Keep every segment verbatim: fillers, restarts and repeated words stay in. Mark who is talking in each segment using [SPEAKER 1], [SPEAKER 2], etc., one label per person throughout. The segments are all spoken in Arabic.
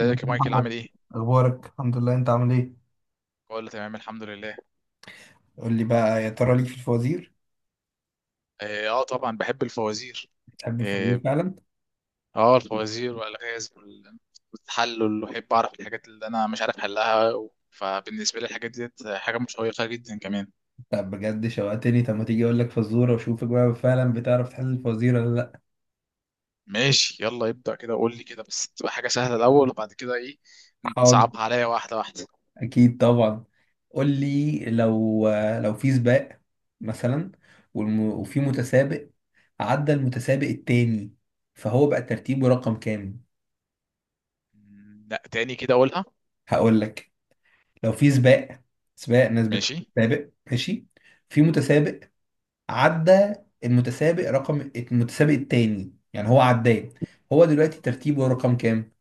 [SPEAKER 1] ازيك يا
[SPEAKER 2] يا مايكل؟ عامل
[SPEAKER 1] محمد.
[SPEAKER 2] ايه؟
[SPEAKER 1] اخبارك؟ الحمد لله، انت عامل ايه؟
[SPEAKER 2] كله تمام الحمد لله.
[SPEAKER 1] قول لي بقى، يا ترى ليك في الفوازير؟
[SPEAKER 2] اه، آه طبعا بحب الفوازير.
[SPEAKER 1] بتحب الفوازير
[SPEAKER 2] اه،
[SPEAKER 1] فعلا؟
[SPEAKER 2] آه، الفوازير والالغاز وال- والتحلل، واحب اعرف الحاجات اللي انا مش عارف حلها، و- فبالنسبه لي الحاجات ديت حاجه مشوقه جدا كمان.
[SPEAKER 1] طب بجد شوقتني، طب ما تيجي اقول لك فزوره واشوفك بقى فعلا بتعرف تحل الفوازير ولا لا؟
[SPEAKER 2] ماشي، يلا ابدا كده، قول لي كده بس تبقى حاجه سهله الاول، وبعد كده ايه
[SPEAKER 1] حاضر.
[SPEAKER 2] تصعبها عليا واحده واحده.
[SPEAKER 1] اكيد طبعا. قول لي، لو لو في سباق مثلا، والم... وفي متسابق عدى المتسابق التاني، فهو بقى ترتيبه رقم كام؟
[SPEAKER 2] مم، لا، تاني كده اقولها.
[SPEAKER 1] هقول لك. لو في سباق، سباق ناس
[SPEAKER 2] ماشي.
[SPEAKER 1] بتسابق ماشي. في متسابق عدى المتسابق رقم المتسابق التاني، يعني هو عداه. هو دلوقتي ترتيبه رقم كام؟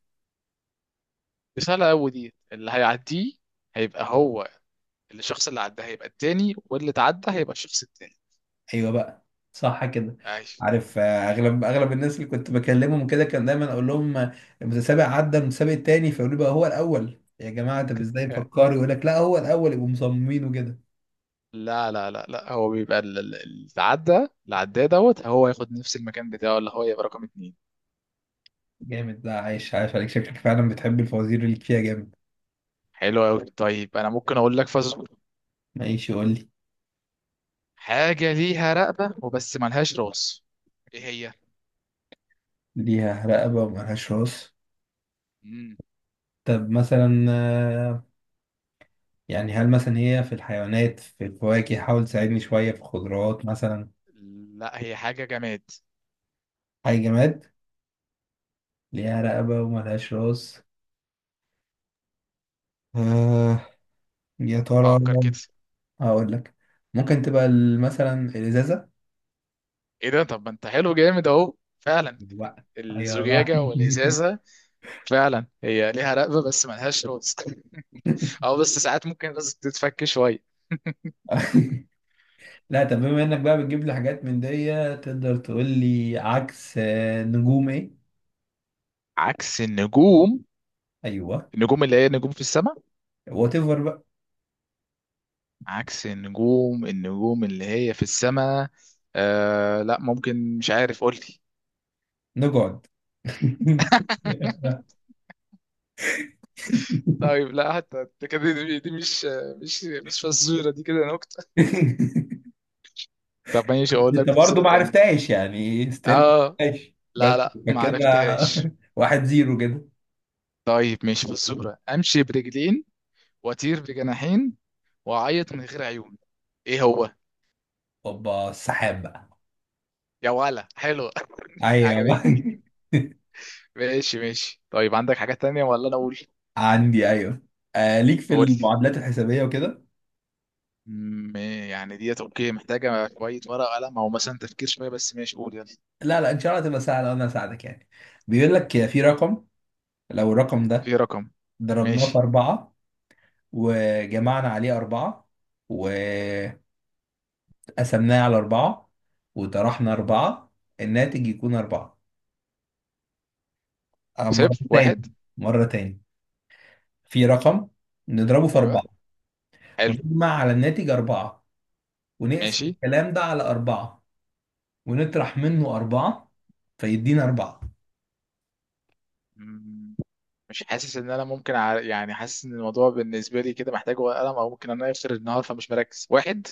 [SPEAKER 2] دي سهله قوي، دي اللي هيعديه هيبقى هو، الشخص اللي عداه هيبقى التاني واللي اتعدى هيبقى الشخص التاني.
[SPEAKER 1] ايوه بقى، صح كده.
[SPEAKER 2] ايوه.
[SPEAKER 1] عارف، آه، اغلب اغلب الناس اللي كنت بكلمهم كده كان دايما اقول لهم آه، المتسابق عدى المتسابق التاني، فيقولوا لي بقى هو الاول يا جماعه. طب ازاي فكروا؟ يقول لك لا هو الاول، يبقوا مصممين وكده.
[SPEAKER 2] لا لا لا لا، هو بيبقى ال- ال- اللي عدى اللي عداه دوت هو ياخد نفس المكان بتاعه اللي هو يبقى رقم اتنين.
[SPEAKER 1] جامد. لا عايش عايش عليك، شكلك فعلا بتحب الفوازير اللي فيها جامد.
[SPEAKER 2] حلو قوي. طيب انا ممكن اقول لك فزور،
[SPEAKER 1] ماشي، قول لي.
[SPEAKER 2] حاجه ليها رقبه وبس ملهاش راس، ايه هي؟
[SPEAKER 1] ليها رقبه وملهاش راس؟
[SPEAKER 2] مم.
[SPEAKER 1] طب مثلا، يعني هل مثلا هي في الحيوانات، في الفواكه؟ حاول تساعدني شوية، في الخضروات مثلا؟
[SPEAKER 2] لا، هي حاجه جماد.
[SPEAKER 1] أي جماد، ليها رقبة وملهاش راس؟ آه، يا ترى.
[SPEAKER 2] فكر كده.
[SPEAKER 1] هقول لك، ممكن تبقى ال- مثلا الإزازة.
[SPEAKER 2] ايه ده، طب ما انت حلو جامد اهو، فعلا
[SPEAKER 1] بقى أيوة بقى.
[SPEAKER 2] الزجاجه والازازه. فعلا هي ليها رقبه بس ملهاش راس. اه، بس ساعات ممكن الراس تتفك شويه.
[SPEAKER 1] لا طب بما إنك بقى بتجيب لي حاجات من دي، تقدر تقول لي عكس آه، نجوم إيه؟
[SPEAKER 2] عكس النجوم؟
[SPEAKER 1] أيوه.
[SPEAKER 2] النجوم اللي هي نجوم في السماء.
[SPEAKER 1] وات ايفر بقى.
[SPEAKER 2] عكس النجوم، النجوم اللي هي في السماء. آه لا، ممكن، مش عارف، قول لي.
[SPEAKER 1] نقعد.
[SPEAKER 2] طيب لا، حتى دي كده دي, دي مش مش مش فزورة، دي كده نكتة. طب ماشي، اقول
[SPEAKER 1] انت
[SPEAKER 2] لك
[SPEAKER 1] برضه
[SPEAKER 2] فزورة
[SPEAKER 1] ما
[SPEAKER 2] تانية.
[SPEAKER 1] عرفتهاش، يعني ستيل ما
[SPEAKER 2] اه.
[SPEAKER 1] عرفتهاش بس.
[SPEAKER 2] لا لا، ما
[SPEAKER 1] فكده.
[SPEAKER 2] عرفتهاش.
[SPEAKER 1] واحد زيرو كده.
[SPEAKER 2] طيب ماشي، فزورة: امشي برجلين، واطير بجناحين، واعيط من غير عيون، ايه هو؟
[SPEAKER 1] اوبا، السحاب بقى.
[SPEAKER 2] يا ولا حلو!
[SPEAKER 1] ايوه.
[SPEAKER 2] عجبتني. ماشي ماشي. طيب عندك حاجة تانية ولا انا اقول؟
[SPEAKER 1] عندي، ايوه. آه، ليك في
[SPEAKER 2] قول.
[SPEAKER 1] المعادلات الحسابيه وكده؟
[SPEAKER 2] م- يعني ديت اوكي، محتاجة شوية ورقة قلم او مثلا تفكير شوية، بس ماشي، قول يلا.
[SPEAKER 1] لا لا ان شاء الله تبقى سهله وانا اساعدك يعني. بيقول لك في رقم، لو الرقم ده
[SPEAKER 2] في رقم،
[SPEAKER 1] ضربناه في
[SPEAKER 2] ماشي.
[SPEAKER 1] أربعة، وجمعنا عليه أربعة، وقسمناه على أربعة، وطرحنا أربعة، الناتج يكون أربعة. آه، مرة
[SPEAKER 2] صفر واحد.
[SPEAKER 1] تاني، مرة تاني. في رقم نضربه في
[SPEAKER 2] ايوه،
[SPEAKER 1] أربعة،
[SPEAKER 2] حلو.
[SPEAKER 1] ونجمع على الناتج أربعة، ونقسم
[SPEAKER 2] ماشي.
[SPEAKER 1] الكلام ده على أربعة، ونطرح منه أربعة، فيدينا أربعة.
[SPEAKER 2] م- مش حاسس ان انا ممكن ع... يعني حاسس ان الموضوع بالنسبة لي كده محتاج ورقة قلم، او ممكن انا اخر النهار فمش مركز واحد.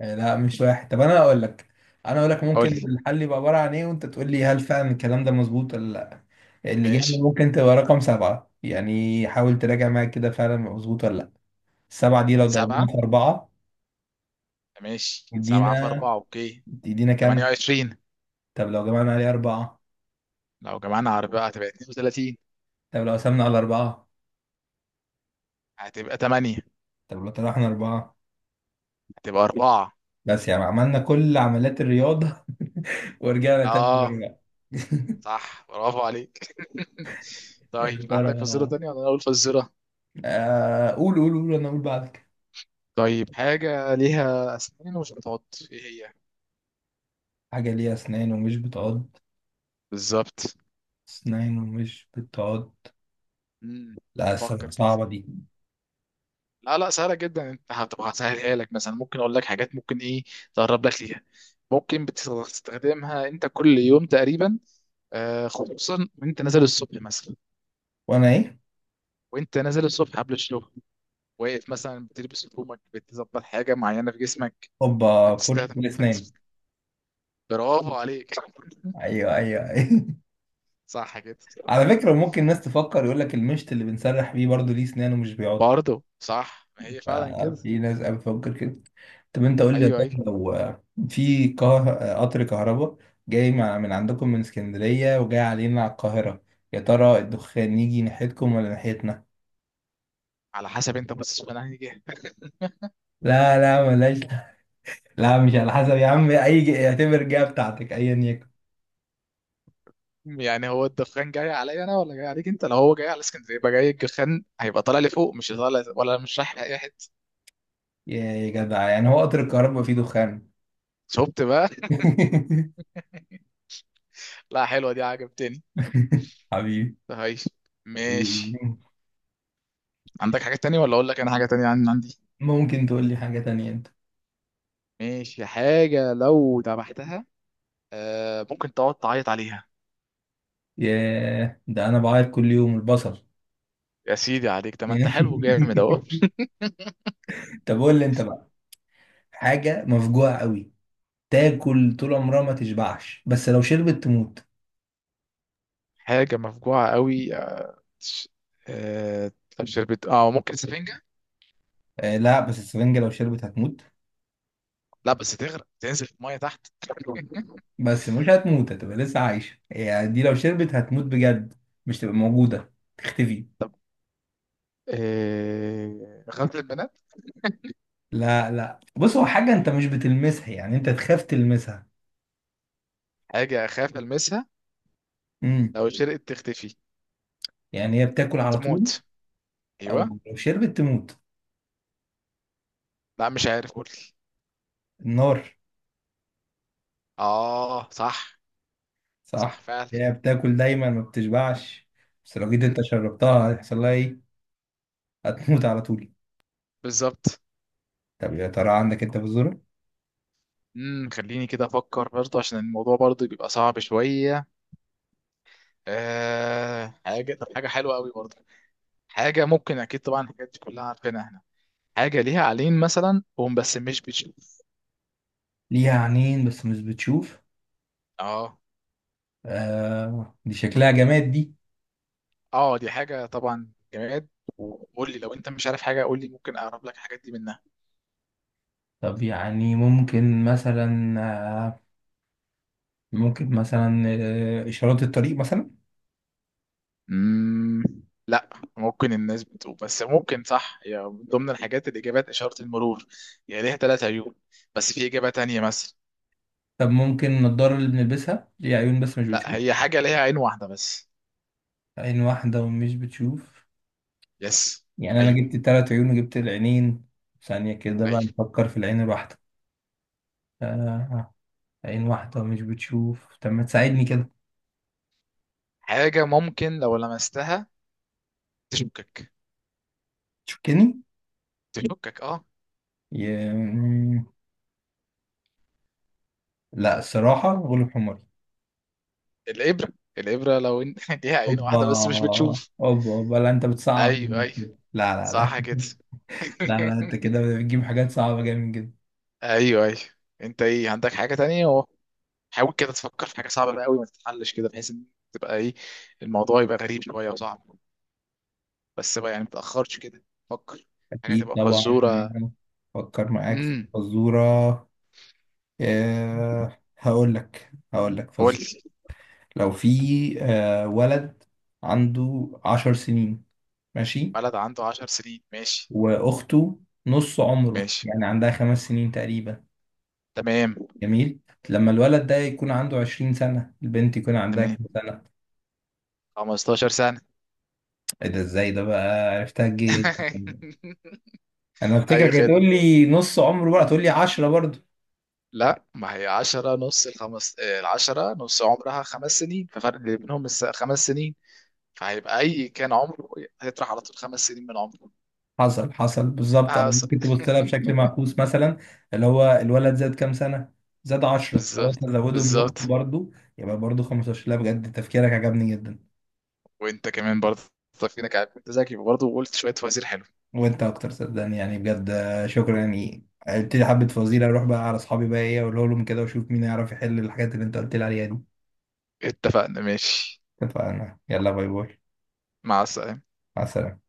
[SPEAKER 1] آه، لا مش واحد. طب أنا أقول لك أنا أقول لك
[SPEAKER 2] قول
[SPEAKER 1] ممكن
[SPEAKER 2] لي.
[SPEAKER 1] الحل يبقى عبارة عن إيه وأنت تقول لي هل فعلا الكلام ده مظبوط ولا لأ. الإجابة
[SPEAKER 2] ماشي
[SPEAKER 1] ممكن تبقى رقم سبعة، يعني حاول تراجع معاك كده فعلا مظبوط ولا لأ. السبعة دي لو
[SPEAKER 2] سبعة.
[SPEAKER 1] ضربناها في أربعة،
[SPEAKER 2] ماشي، سبعة في
[SPEAKER 1] يدينا
[SPEAKER 2] أربعة اوكي.
[SPEAKER 1] يدينا كام؟
[SPEAKER 2] تمنية وعشرين.
[SPEAKER 1] طب لو جمعنا عليه أربعة؟
[SPEAKER 2] لو جمعنا على، بقى هتبقى اتنين وتلاتين.
[SPEAKER 1] طب لو قسمنا على أربعة؟
[SPEAKER 2] هتبقى تمانية.
[SPEAKER 1] طب لو طرحنا أربعة؟
[SPEAKER 2] هتبقى اربعة.
[SPEAKER 1] بس، يعني عملنا كل عمليات الرياضة ورجعنا تاني
[SPEAKER 2] اه
[SPEAKER 1] للرجعة.
[SPEAKER 2] صح، برافو عليك.
[SPEAKER 1] يا
[SPEAKER 2] طيب عندك فزورة
[SPEAKER 1] ترى،
[SPEAKER 2] تانية ولا أنا أقول فزورة؟
[SPEAKER 1] آه، قول قول قول، انا اقول بعدك.
[SPEAKER 2] طيب، حاجة ليها أسنان ومش بتعض، إيه هي؟
[SPEAKER 1] حاجة ليها اسنان ومش بتعض؟
[SPEAKER 2] بالظبط.
[SPEAKER 1] اسنان ومش بتعض؟
[SPEAKER 2] مم.
[SPEAKER 1] لا الصراحة
[SPEAKER 2] فكر كده.
[SPEAKER 1] صعبة دي.
[SPEAKER 2] لا لا، سهلة جدا، أنت هتبقى هسهلها لك. مثلا ممكن أقول لك حاجات ممكن إيه تقرب لك ليها. ممكن بتستخدمها أنت كل يوم تقريبا. آه خصوصا وأنت نازل الصبح مثلا.
[SPEAKER 1] وانا ايه؟
[SPEAKER 2] وأنت نازل الصبح قبل الشغل، واقف مثلا بتلبس هدومك بتظبط حاجة معينة في جسمك.
[SPEAKER 1] هوبا، فرشة
[SPEAKER 2] بتستخدم
[SPEAKER 1] الاسنان.
[SPEAKER 2] فت- برافو عليك.
[SPEAKER 1] ايوه ايوه ايوه.
[SPEAKER 2] صح كده.
[SPEAKER 1] على فكرة ممكن الناس تفكر، يقول لك المشط اللي بنسرح بيه برضه ليه اسنان ومش بيعض.
[SPEAKER 2] برضه صح، ما هي فعلا كده.
[SPEAKER 1] آه، في ناس قوي بتفكر كده. طب انت قول لي، يا
[SPEAKER 2] ايوه
[SPEAKER 1] ترى
[SPEAKER 2] ايوه.
[SPEAKER 1] لو آه، في كه- آه، قطر كهرباء جاي مع- من عندكم من اسكندرية وجاي علينا على القاهرة، يا ترى الدخان يجي ناحيتكم ولا ناحيتنا؟
[SPEAKER 2] على حسب انت باصص من انهي جهه.
[SPEAKER 1] لا لا ملاش. لا مش على حسب يا عم، اي ج- اعتبر جهة بتاعتك ايا يكن.
[SPEAKER 2] يعني هو الدخان جاي عليا انا ولا جاي عليك انت؟ لو هو جاي على اسكندريه يبقى جاي، الدخان هيبقى طالع لي فوق، مش طالع ولا مش رايح لاي حته.
[SPEAKER 1] يا يا جدع، يعني هو قطر الكهرباء فيه دخان؟
[SPEAKER 2] شفت بقى؟ لا حلوه دي، عجبتني.
[SPEAKER 1] حبيبي.
[SPEAKER 2] طيب ماشي. عندك حاجه تانية ولا اقول لك انا حاجه تانية عن عندي؟
[SPEAKER 1] ممكن تقول لي حاجة تانية انت.
[SPEAKER 2] ماشي. حاجه لو ذبحتها آه ممكن تقعد تعيط عليها.
[SPEAKER 1] ياه، ده انا بعيط كل يوم، البصل.
[SPEAKER 2] يا سيدي عليك، ده ما انت حلو جامد اهو.
[SPEAKER 1] طب قول لي انت بقى. حاجة مفجوعة قوي، تاكل طول عمرها ما تشبعش، بس لو شربت تموت.
[SPEAKER 2] حاجه مفجوعه قوي. ش- آه، طب شربت؟ اه، ممكن سفنجة.
[SPEAKER 1] آه لا، بس السفنجة لو شربت هتموت.
[SPEAKER 2] لا بس تغرق تنزل في المية تحت.
[SPEAKER 1] بس مش هتموت، هتبقى لسه عايشة، يعني دي لو شربت هتموت بجد، مش تبقى موجودة، تختفي.
[SPEAKER 2] طب، آه، غسل البنات.
[SPEAKER 1] لا لا بص، هو حاجة انت مش بتلمسها، يعني انت تخاف تلمسها.
[SPEAKER 2] حاجة أخاف ألمسها.
[SPEAKER 1] امم.
[SPEAKER 2] لو شرقت تختفي؟
[SPEAKER 1] يعني هي بتاكل على طول،
[SPEAKER 2] تموت. أيوه.
[SPEAKER 1] او لو شربت تموت.
[SPEAKER 2] لا مش عارف، قول لي.
[SPEAKER 1] النار.
[SPEAKER 2] اه صح. صح
[SPEAKER 1] صح.
[SPEAKER 2] فعلا.
[SPEAKER 1] هي بتاكل دايما ما بتشبعش، بس لو جيت
[SPEAKER 2] مم،
[SPEAKER 1] انت شربتها هيحصل لها ايه؟ هتموت على طول.
[SPEAKER 2] بالظبط.
[SPEAKER 1] طب يا ترى عندك انت في الزرع؟
[SPEAKER 2] امم خليني كده افكر برضه عشان الموضوع برضه بيبقى صعب شويه. آه حاجه، طب حاجه حلوه قوي برضه. حاجه ممكن اكيد طبعا الحاجات دي كلها عارفينها احنا. حاجه ليها عينين مثلا وهم بس مش بتشوف.
[SPEAKER 1] ليها عينين بس مش بتشوف؟
[SPEAKER 2] اه.
[SPEAKER 1] آه، دي شكلها جماد دي.
[SPEAKER 2] اه دي حاجة طبعا جماد. وقول لي لو انت مش عارف حاجة، قول لي ممكن اقرب لك الحاجات دي منها.
[SPEAKER 1] طب يعني ممكن مثلا، آه، ممكن مثلا، آه، إشارات الطريق مثلا؟
[SPEAKER 2] امم لا، ممكن الناس بتقول، بس ممكن صح، هي من ضمن الحاجات الاجابات اشارة المرور، يعني ليها ثلاث عيون. بس في اجابة تانية مثلا.
[SPEAKER 1] طب ممكن النضارة اللي بنلبسها، ليها عيون بس مش
[SPEAKER 2] لا،
[SPEAKER 1] بتشوف.
[SPEAKER 2] هي حاجة ليها عين واحدة بس.
[SPEAKER 1] عين واحدة ومش بتشوف؟
[SPEAKER 2] يس.
[SPEAKER 1] يعني أنا
[SPEAKER 2] ايوه
[SPEAKER 1] جبت التلات عيون وجبت العينين، ثانية كده بقى
[SPEAKER 2] ايوه.
[SPEAKER 1] نفكر في العين الواحدة. آه، عين واحدة ومش بتشوف، طب ما تساعدني كده.
[SPEAKER 2] حاجة ممكن لو لمستها تشكك،
[SPEAKER 1] تشكني؟
[SPEAKER 2] تشكك اه.
[SPEAKER 1] ي... لا الصراحة غلب حماري.
[SPEAKER 2] الابرة. الابرة لو انت ليها عين
[SPEAKER 1] اوبا،
[SPEAKER 2] واحدة بس مش بتشوف.
[SPEAKER 1] اوبا اوبا، لا انت بتصعب
[SPEAKER 2] ايوه
[SPEAKER 1] جامد
[SPEAKER 2] ايوه،
[SPEAKER 1] كده، لا لا لا.
[SPEAKER 2] صح كده.
[SPEAKER 1] لا لا، انت كده بتجيب حاجات صعبة جامد جدا.
[SPEAKER 2] ايوه ايوه، انت ايه عندك حاجه تانية اهو. حاول كده تفكر في حاجه صعبه بقى قوي ما تتحلش كده، بحيث ان تبقى ايه، الموضوع يبقى غريب شويه وصعب، بس بقى يعني ما تاخرش كده، فكر حاجه
[SPEAKER 1] اكيد
[SPEAKER 2] تبقى
[SPEAKER 1] طبعا.
[SPEAKER 2] فزوره.
[SPEAKER 1] فكر معاك في
[SPEAKER 2] امم
[SPEAKER 1] فزورة. أه، هقول لك هقول لك
[SPEAKER 2] قول
[SPEAKER 1] فزورة.
[SPEAKER 2] لي.
[SPEAKER 1] لو في، أه، ولد عنده عشر سنين ماشي،
[SPEAKER 2] بلد عنده عشر سنين، ماشي.
[SPEAKER 1] واخته نص عمره،
[SPEAKER 2] ماشي
[SPEAKER 1] يعني عندها خمس سنين تقريبا.
[SPEAKER 2] تمام.
[SPEAKER 1] جميل. لما الولد ده يكون عنده عشرين سنة، البنت يكون عندها
[SPEAKER 2] تمام.
[SPEAKER 1] كام سنة؟
[SPEAKER 2] خمستاشر سنه.
[SPEAKER 1] ايه ده، ازاي ده بقى عرفتها جه؟ انا
[SPEAKER 2] اي
[SPEAKER 1] افتكرك
[SPEAKER 2] خدمه.
[SPEAKER 1] هتقول لي نص عمره بقى، تقول لي عشرة برضه.
[SPEAKER 2] لا، ما هي عشرة نص الخمس، آه، العشرة نص عمرها خمس سنين، ففرق اللي بينهم الس- خمس سنين. فهيبقى اي كان عمره هيطرح على طول خمس سنين من عمره.
[SPEAKER 1] حصل حصل بالظبط، او
[SPEAKER 2] حصل.
[SPEAKER 1] ممكن تبص لها بشكل معكوس مثلا، اللي هو الولد زاد كام سنه؟ زاد عشرة، خلاص
[SPEAKER 2] بالظبط
[SPEAKER 1] نزودهم لاخته
[SPEAKER 2] بالظبط.
[SPEAKER 1] برضه، يبقى برضه خمسة عشر. لا بجد تفكيرك عجبني جدا.
[SPEAKER 2] وانت كمان برضه، فينك، عارف انت ذكي برضه، وقلت شوية فوازير حلو.
[SPEAKER 1] وانت اكتر صدقني، يعني بجد، آه، شكرا. يعني قلت لي حبه فوازير، اروح بقى على اصحابي بقى، ايه اقول لهم كده واشوف مين يعرف يحل الحاجات اللي انت قلت لي عليها دي.
[SPEAKER 2] اتفقنا ماشي.
[SPEAKER 1] اتفقنا، يلا، باي باي.
[SPEAKER 2] مع السلامة.
[SPEAKER 1] مع السلامه.